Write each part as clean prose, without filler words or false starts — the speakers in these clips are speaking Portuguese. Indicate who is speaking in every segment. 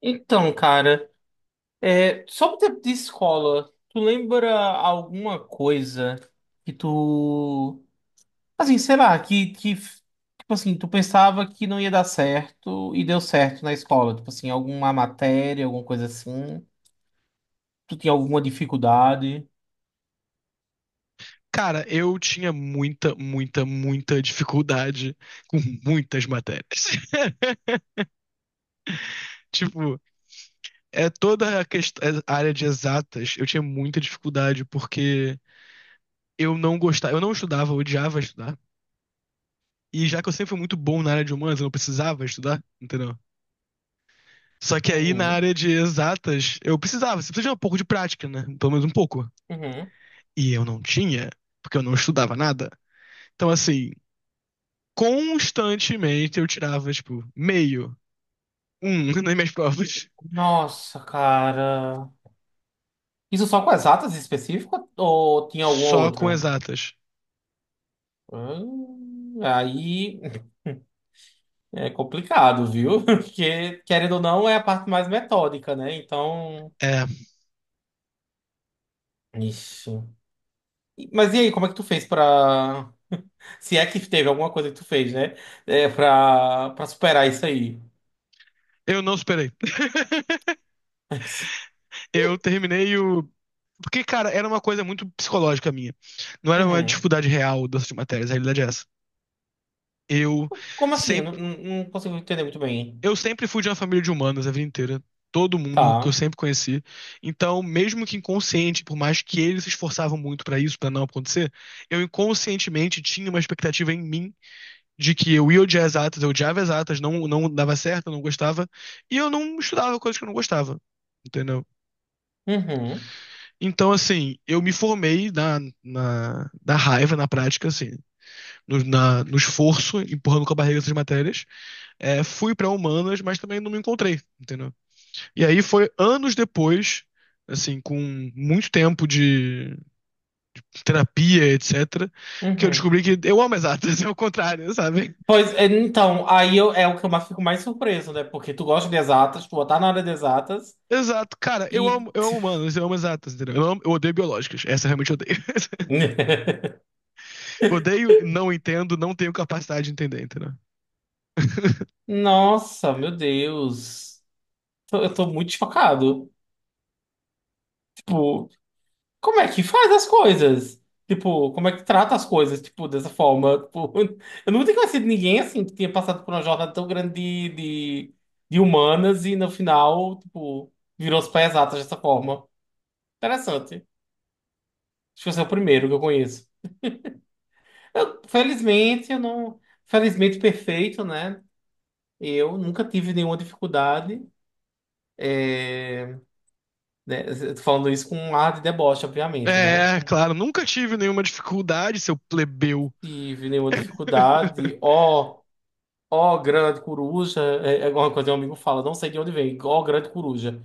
Speaker 1: Então, cara, é, sobre o tempo de escola, tu lembra alguma coisa que tu, assim, sei lá, tipo assim, tu pensava que não ia dar certo e deu certo na escola? Tipo assim, alguma matéria, alguma coisa assim? Tu tinha alguma dificuldade?
Speaker 2: Cara, eu tinha muita, muita, muita dificuldade com muitas matérias. Tipo, é toda a, é, a área de exatas, eu tinha muita dificuldade porque eu não gostava, eu não estudava, eu odiava estudar. E já que eu sempre fui muito bom na área de humanas, eu não precisava estudar, entendeu? Só que aí na
Speaker 1: Uhum,
Speaker 2: área de exatas, eu precisava, você precisa de um pouco de prática, né? Pelo menos um pouco.
Speaker 1: uhum.
Speaker 2: E eu não tinha, porque eu não estudava nada. Então, assim, constantemente eu tirava, tipo, meio um nas minhas provas.
Speaker 1: Nossa, cara. Isso só com as atas específicas ou tinha alguma
Speaker 2: Só com
Speaker 1: outra?
Speaker 2: exatas.
Speaker 1: Aí. É complicado, viu? Porque, querendo ou não, é a parte mais metódica, né? Então.
Speaker 2: É.
Speaker 1: Ixi. E- Mas e aí, como é que tu fez pra. Se é que teve alguma coisa que tu fez, né? É, pra superar isso aí.
Speaker 2: Eu não superei. Eu terminei o. Porque, cara, era uma coisa muito psicológica minha. Não era uma
Speaker 1: Uhum.
Speaker 2: dificuldade real dessas matérias, a realidade é essa. Eu
Speaker 1: Como assim? Eu não,
Speaker 2: sempre,
Speaker 1: não não consigo entender muito bem.
Speaker 2: eu sempre fui de uma família de humanas a vida inteira. Todo mundo que eu
Speaker 1: Tá.
Speaker 2: sempre conheci. Então, mesmo que inconsciente, por mais que eles se esforçavam muito pra isso, pra não acontecer, eu inconscientemente tinha uma expectativa em mim de que eu ia odiar exatas, eu odiava exatas, não, não dava certo, eu não gostava, e eu não estudava coisas que eu não gostava, entendeu?
Speaker 1: Uhum.
Speaker 2: Então, assim, eu me formei na raiva, na prática, assim, no esforço, empurrando com a barriga essas matérias, é, fui pra humanas, mas também não me encontrei, entendeu? E aí foi anos depois. Assim, com muito tempo de terapia, etc., que eu
Speaker 1: Uhum.
Speaker 2: descobri que eu amo exatas, é o contrário, sabe?
Speaker 1: Pois, é, então, aí eu, é o que eu mais- fico mais surpreso, né? Porque tu gosta de exatas, tu tá na área de exatas
Speaker 2: Exato, cara,
Speaker 1: e.
Speaker 2: eu amo humanos, eu amo exatas, entendeu? Eu odeio biológicas, essa eu realmente odeio. Eu odeio, não entendo, não tenho capacidade de entender, entendeu?
Speaker 1: Nossa, meu Deus. Tô- eu tô muito chocado. Tipo, como é que faz as coisas? Tipo, como é que trata as coisas, tipo, dessa forma? Tipo, eu nunca tinha conhecido ninguém, assim, que tinha passado por uma jornada tão grande de, de humanas e, no final, tipo, virou os pés exatas dessa forma. Interessante. Acho que você é o primeiro que eu conheço. Felizmente, eu não... Felizmente, perfeito, né? Eu nunca tive nenhuma dificuldade, né? Eu tô falando isso com um ar de deboche, obviamente, né?
Speaker 2: É,
Speaker 1: Não
Speaker 2: claro, nunca tive nenhuma dificuldade, seu plebeu.
Speaker 1: tive nenhuma dificuldade. Ó, ó, grande coruja, é, é uma coisa que um amigo fala, não sei de onde vem, ó, grande coruja.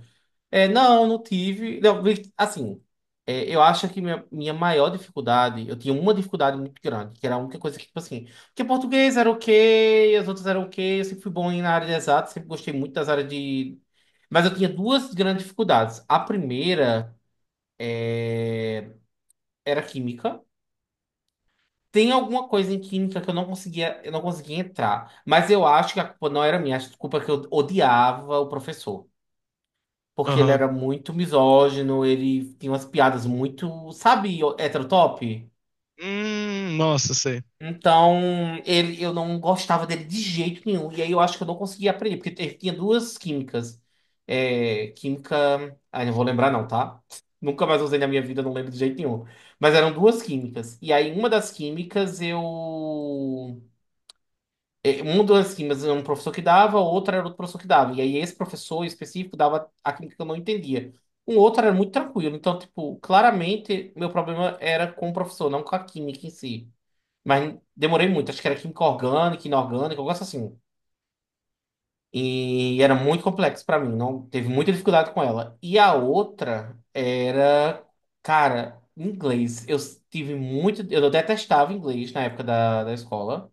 Speaker 1: É, não, não tive. Não, vi- assim, é, eu acho que minha maior dificuldade, eu tinha uma dificuldade muito grande, que era a única coisa que, tipo assim, porque português era ok, as outras eram ok, eu sempre fui bom em- na área de exatas, sempre gostei muito das áreas de. Mas eu tinha duas grandes dificuldades. A primeira era química. Tem alguma coisa em química que eu não conseguia entrar. Mas eu acho que a culpa não era minha, acho que a culpa é que eu odiava o professor. Porque ele
Speaker 2: Aham.
Speaker 1: era muito misógino, ele tinha umas piadas muito, sabe, heterotop?
Speaker 2: Nossa, sei.
Speaker 1: Então, ele, eu não gostava dele de jeito nenhum. E aí eu acho que eu não conseguia aprender, porque ele tinha duas químicas. É, química. Ah, não vou lembrar, não, tá? Nunca mais usei na minha vida, não lembro de jeito nenhum. Mas eram duas químicas. E aí, uma das químicas eu. É, um das químicas era um professor que dava, outro era outro professor que dava. E aí esse professor específico dava a química que eu não entendia. Um outro era muito tranquilo. Então, tipo, claramente meu problema era com o professor, não com a química em si. Mas demorei muito. Acho que era química orgânica, inorgânica, um negócio assim. E era muito complexo pra mim. Não teve muita dificuldade com ela. E a outra era, cara, inglês. Eu tive muito. Eu detestava inglês na época da escola.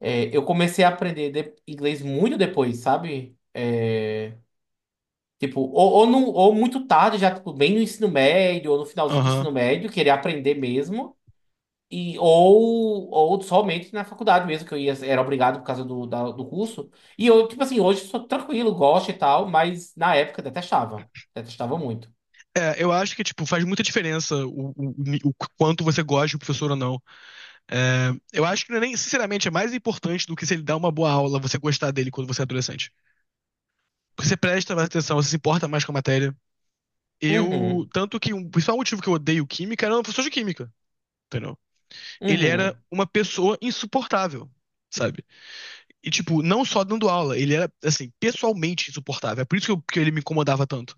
Speaker 1: É, eu comecei a aprender de- inglês muito depois, sabe? É, tipo, no- ou muito tarde, já tipo, bem no ensino médio, ou no finalzinho do ensino médio, querer aprender mesmo. E, ou somente na faculdade mesmo, que eu ia, era obrigado por causa da- do curso. E eu, tipo assim, hoje sou tranquilo, gosto e tal, mas na época detestava. Detestava muito.
Speaker 2: É, eu acho que, tipo, faz muita diferença o, o quanto você gosta do professor ou não. É, eu acho que não é nem, sinceramente, é mais importante do que se ele dá uma boa aula, você gostar dele quando você é adolescente. Porque você presta mais atenção, você se importa mais com a matéria. Eu,
Speaker 1: Uhum,
Speaker 2: tanto que um, o principal motivo que eu odeio química era o professor de química, entendeu? Ele era
Speaker 1: uhum.
Speaker 2: uma pessoa insuportável, sabe? E, tipo, não só dando aula, ele era, assim, pessoalmente insuportável. É por isso que, que ele me incomodava tanto.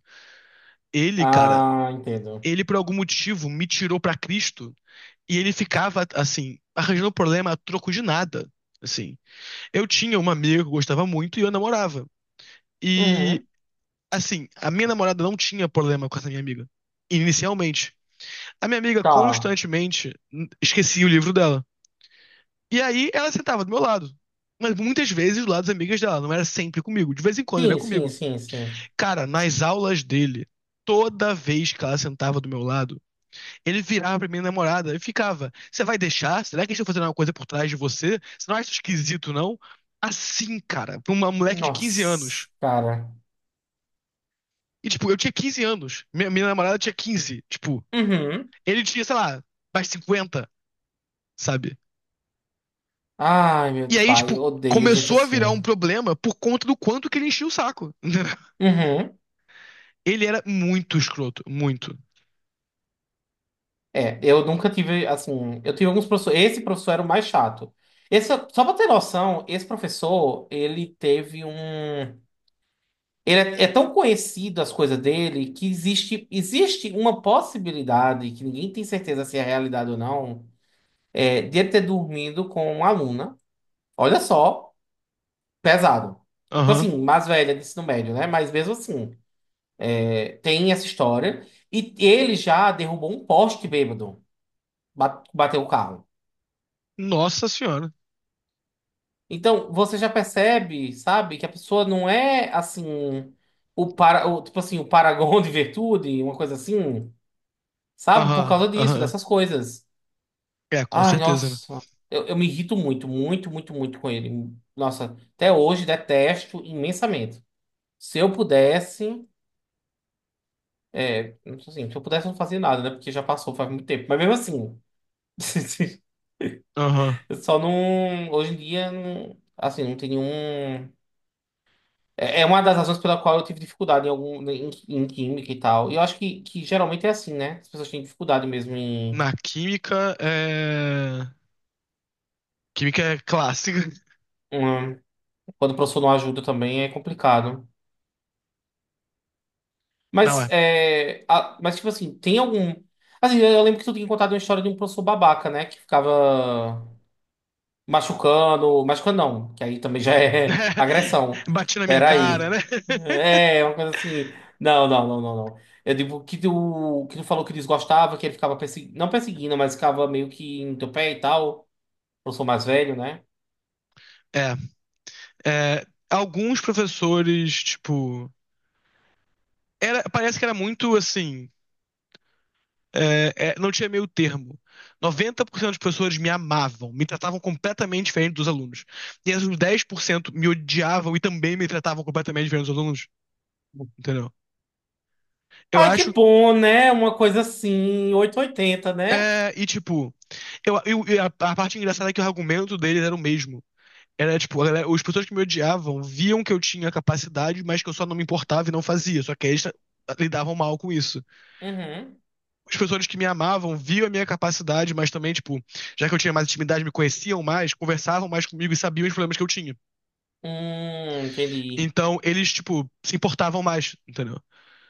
Speaker 2: Ele, cara,
Speaker 1: Ah, entendo.
Speaker 2: ele, por algum motivo, me tirou pra Cristo. E ele ficava, assim, arranjando problema a troco de nada. Assim, eu tinha uma amiga que eu gostava muito e eu namorava. E,
Speaker 1: Uhum,
Speaker 2: assim, a minha namorada não tinha problema com essa minha amiga, inicialmente. A minha amiga
Speaker 1: tá.
Speaker 2: constantemente esquecia o livro dela. E aí ela sentava do meu lado. Mas muitas vezes do lado das amigas dela, não era sempre comigo. De vez em quando era comigo.
Speaker 1: Sim.
Speaker 2: Cara, nas aulas dele, toda vez que ela sentava do meu lado, ele virava pra minha namorada e ficava: "Você vai deixar? Será que eles estão fazendo alguma coisa por trás de você? Você não acha isso esquisito, não?" Assim, cara, pra uma moleque de 15 anos.
Speaker 1: Nossa, cara.
Speaker 2: E, tipo, eu tinha 15 anos. Minha namorada tinha 15. Tipo,
Speaker 1: Uhum.
Speaker 2: ele tinha, sei lá, mais 50, sabe?
Speaker 1: Ai,
Speaker 2: E
Speaker 1: meu
Speaker 2: aí,
Speaker 1: pai,
Speaker 2: tipo,
Speaker 1: eu odeio gente
Speaker 2: começou a
Speaker 1: assim.
Speaker 2: virar um problema por conta do quanto que ele enchia o saco.
Speaker 1: Uhum.
Speaker 2: Ele era muito escroto, muito.
Speaker 1: É, eu nunca tive, assim, eu tive alguns professores, esse professor era o mais chato. Esse, só pra ter noção, esse professor, ele teve um... Ele é, é tão conhecido as coisas dele que existe uma possibilidade, que ninguém tem certeza se é realidade ou não, é, de ele ter dormido com uma aluna, olha só, pesado. Tipo
Speaker 2: Aham.
Speaker 1: assim, mais velha de ensino médio, né? Mas mesmo assim... Tem essa história. E ele já derrubou um poste bêbado. Ba- Bateu o carro.
Speaker 2: Nossa senhora.
Speaker 1: Então, você já percebe, sabe, que a pessoa não é assim. O para, o- tipo assim, o paragon de virtude, uma coisa assim. Sabe? Por
Speaker 2: Aham,
Speaker 1: causa disso,
Speaker 2: aham.
Speaker 1: dessas coisas.
Speaker 2: É, com
Speaker 1: Ai,
Speaker 2: certeza, né?
Speaker 1: nossa. Eu me irrito muito com ele. Nossa, até hoje detesto imensamente. Se eu pudesse. É, assim, se eu pudesse não fazer nada, né? Porque já passou faz muito tempo. Mas mesmo assim.
Speaker 2: Aham.
Speaker 1: Eu só não. Hoje em dia, não- assim, não tem nenhum. É é uma das razões pela qual eu tive dificuldade em algum em química e tal. E eu acho que geralmente é assim, né? As pessoas têm dificuldade mesmo em.
Speaker 2: Na química, é. Química é clássica.
Speaker 1: Em- Quando o professor não ajuda também é complicado.
Speaker 2: Não
Speaker 1: Mas,
Speaker 2: é.
Speaker 1: é, a- mas tipo assim, tem algum. Assim, eu lembro que tu tinha contado uma história de um professor babaca, né? Que ficava. Machucando, machucando não, que aí também já é agressão.
Speaker 2: Bati na minha cara,
Speaker 1: Peraí.
Speaker 2: né?
Speaker 1: É, uma coisa assim. Não. Eu digo que tu falou que desgostava, que ele ficava perseguindo, não perseguindo, mas ficava meio que em teu pé e tal. Eu sou mais velho, né?
Speaker 2: É. É, alguns professores, tipo. Era, parece que era muito assim. É, é, não tinha meio termo. 90% dos professores me amavam, me tratavam completamente diferente dos alunos. E os 10% me odiavam e também me tratavam completamente diferente dos alunos. Entendeu? Eu
Speaker 1: Ai, que
Speaker 2: acho.
Speaker 1: bom, né? Uma coisa assim, 880, né?
Speaker 2: É, e tipo. A parte engraçada é que o argumento deles era o mesmo. Era tipo, os pessoas que me odiavam viam que eu tinha capacidade, mas que eu só não me importava e não fazia. Só que eles lidavam mal com isso.
Speaker 1: Uhum.
Speaker 2: As pessoas que me amavam viam a minha capacidade, mas também, tipo, já que eu tinha mais intimidade, me conheciam mais, conversavam mais comigo e sabiam os problemas que eu tinha.
Speaker 1: Entendi.
Speaker 2: Então, eles, tipo, se importavam mais, entendeu?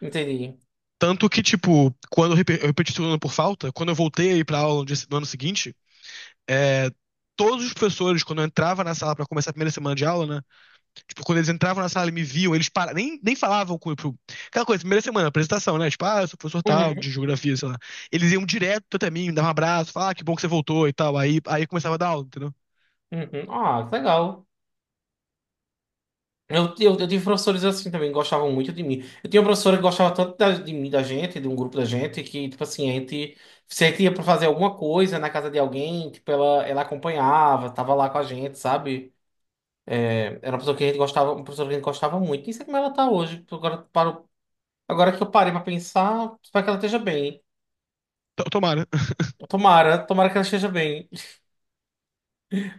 Speaker 1: Entendi.
Speaker 2: Tanto que, tipo, quando eu eu repeti o segundo ano por falta, quando eu voltei a ir pra aula no dia se- no ano seguinte, é, todos os professores, quando eu entrava na sala pra começar a primeira semana de aula, né? Tipo, quando eles entravam na sala e me viam, eles nem falavam com. Aquela coisa, primeira semana, apresentação, né? Tipo, ah, eu sou professor tal,
Speaker 1: Uhum,
Speaker 2: de geografia, sei lá. Eles iam direto até mim, me davam um abraço, falavam, ah, que bom que você voltou e tal. Aí começava a dar aula, entendeu?
Speaker 1: uhum. Ah, que legal. Eu tive professores assim também, que gostavam muito de mim. Eu tinha uma professora que gostava tanto da- de mim, da gente, de um grupo da gente, que, tipo assim, se a gente ia pra fazer alguma coisa na casa de alguém, tipo, ela acompanhava, tava lá com a gente, sabe? Era uma pessoa que a gente gostava, uma pessoa que a gente gostava muito. Nem sei como ela tá hoje. Tipo, agora, paro, agora que eu parei pra pensar, espero que ela esteja bem.
Speaker 2: Tomara.
Speaker 1: Tomara que ela esteja bem.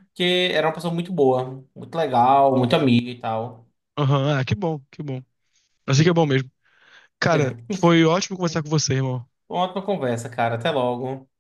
Speaker 1: Porque era uma pessoa muito boa, muito legal, muito amiga e tal.
Speaker 2: Aham, ah, que bom, que bom. Assim que é bom mesmo.
Speaker 1: É.
Speaker 2: Cara, foi ótimo conversar com você, irmão.
Speaker 1: Uma ótima conversa, cara. Até logo.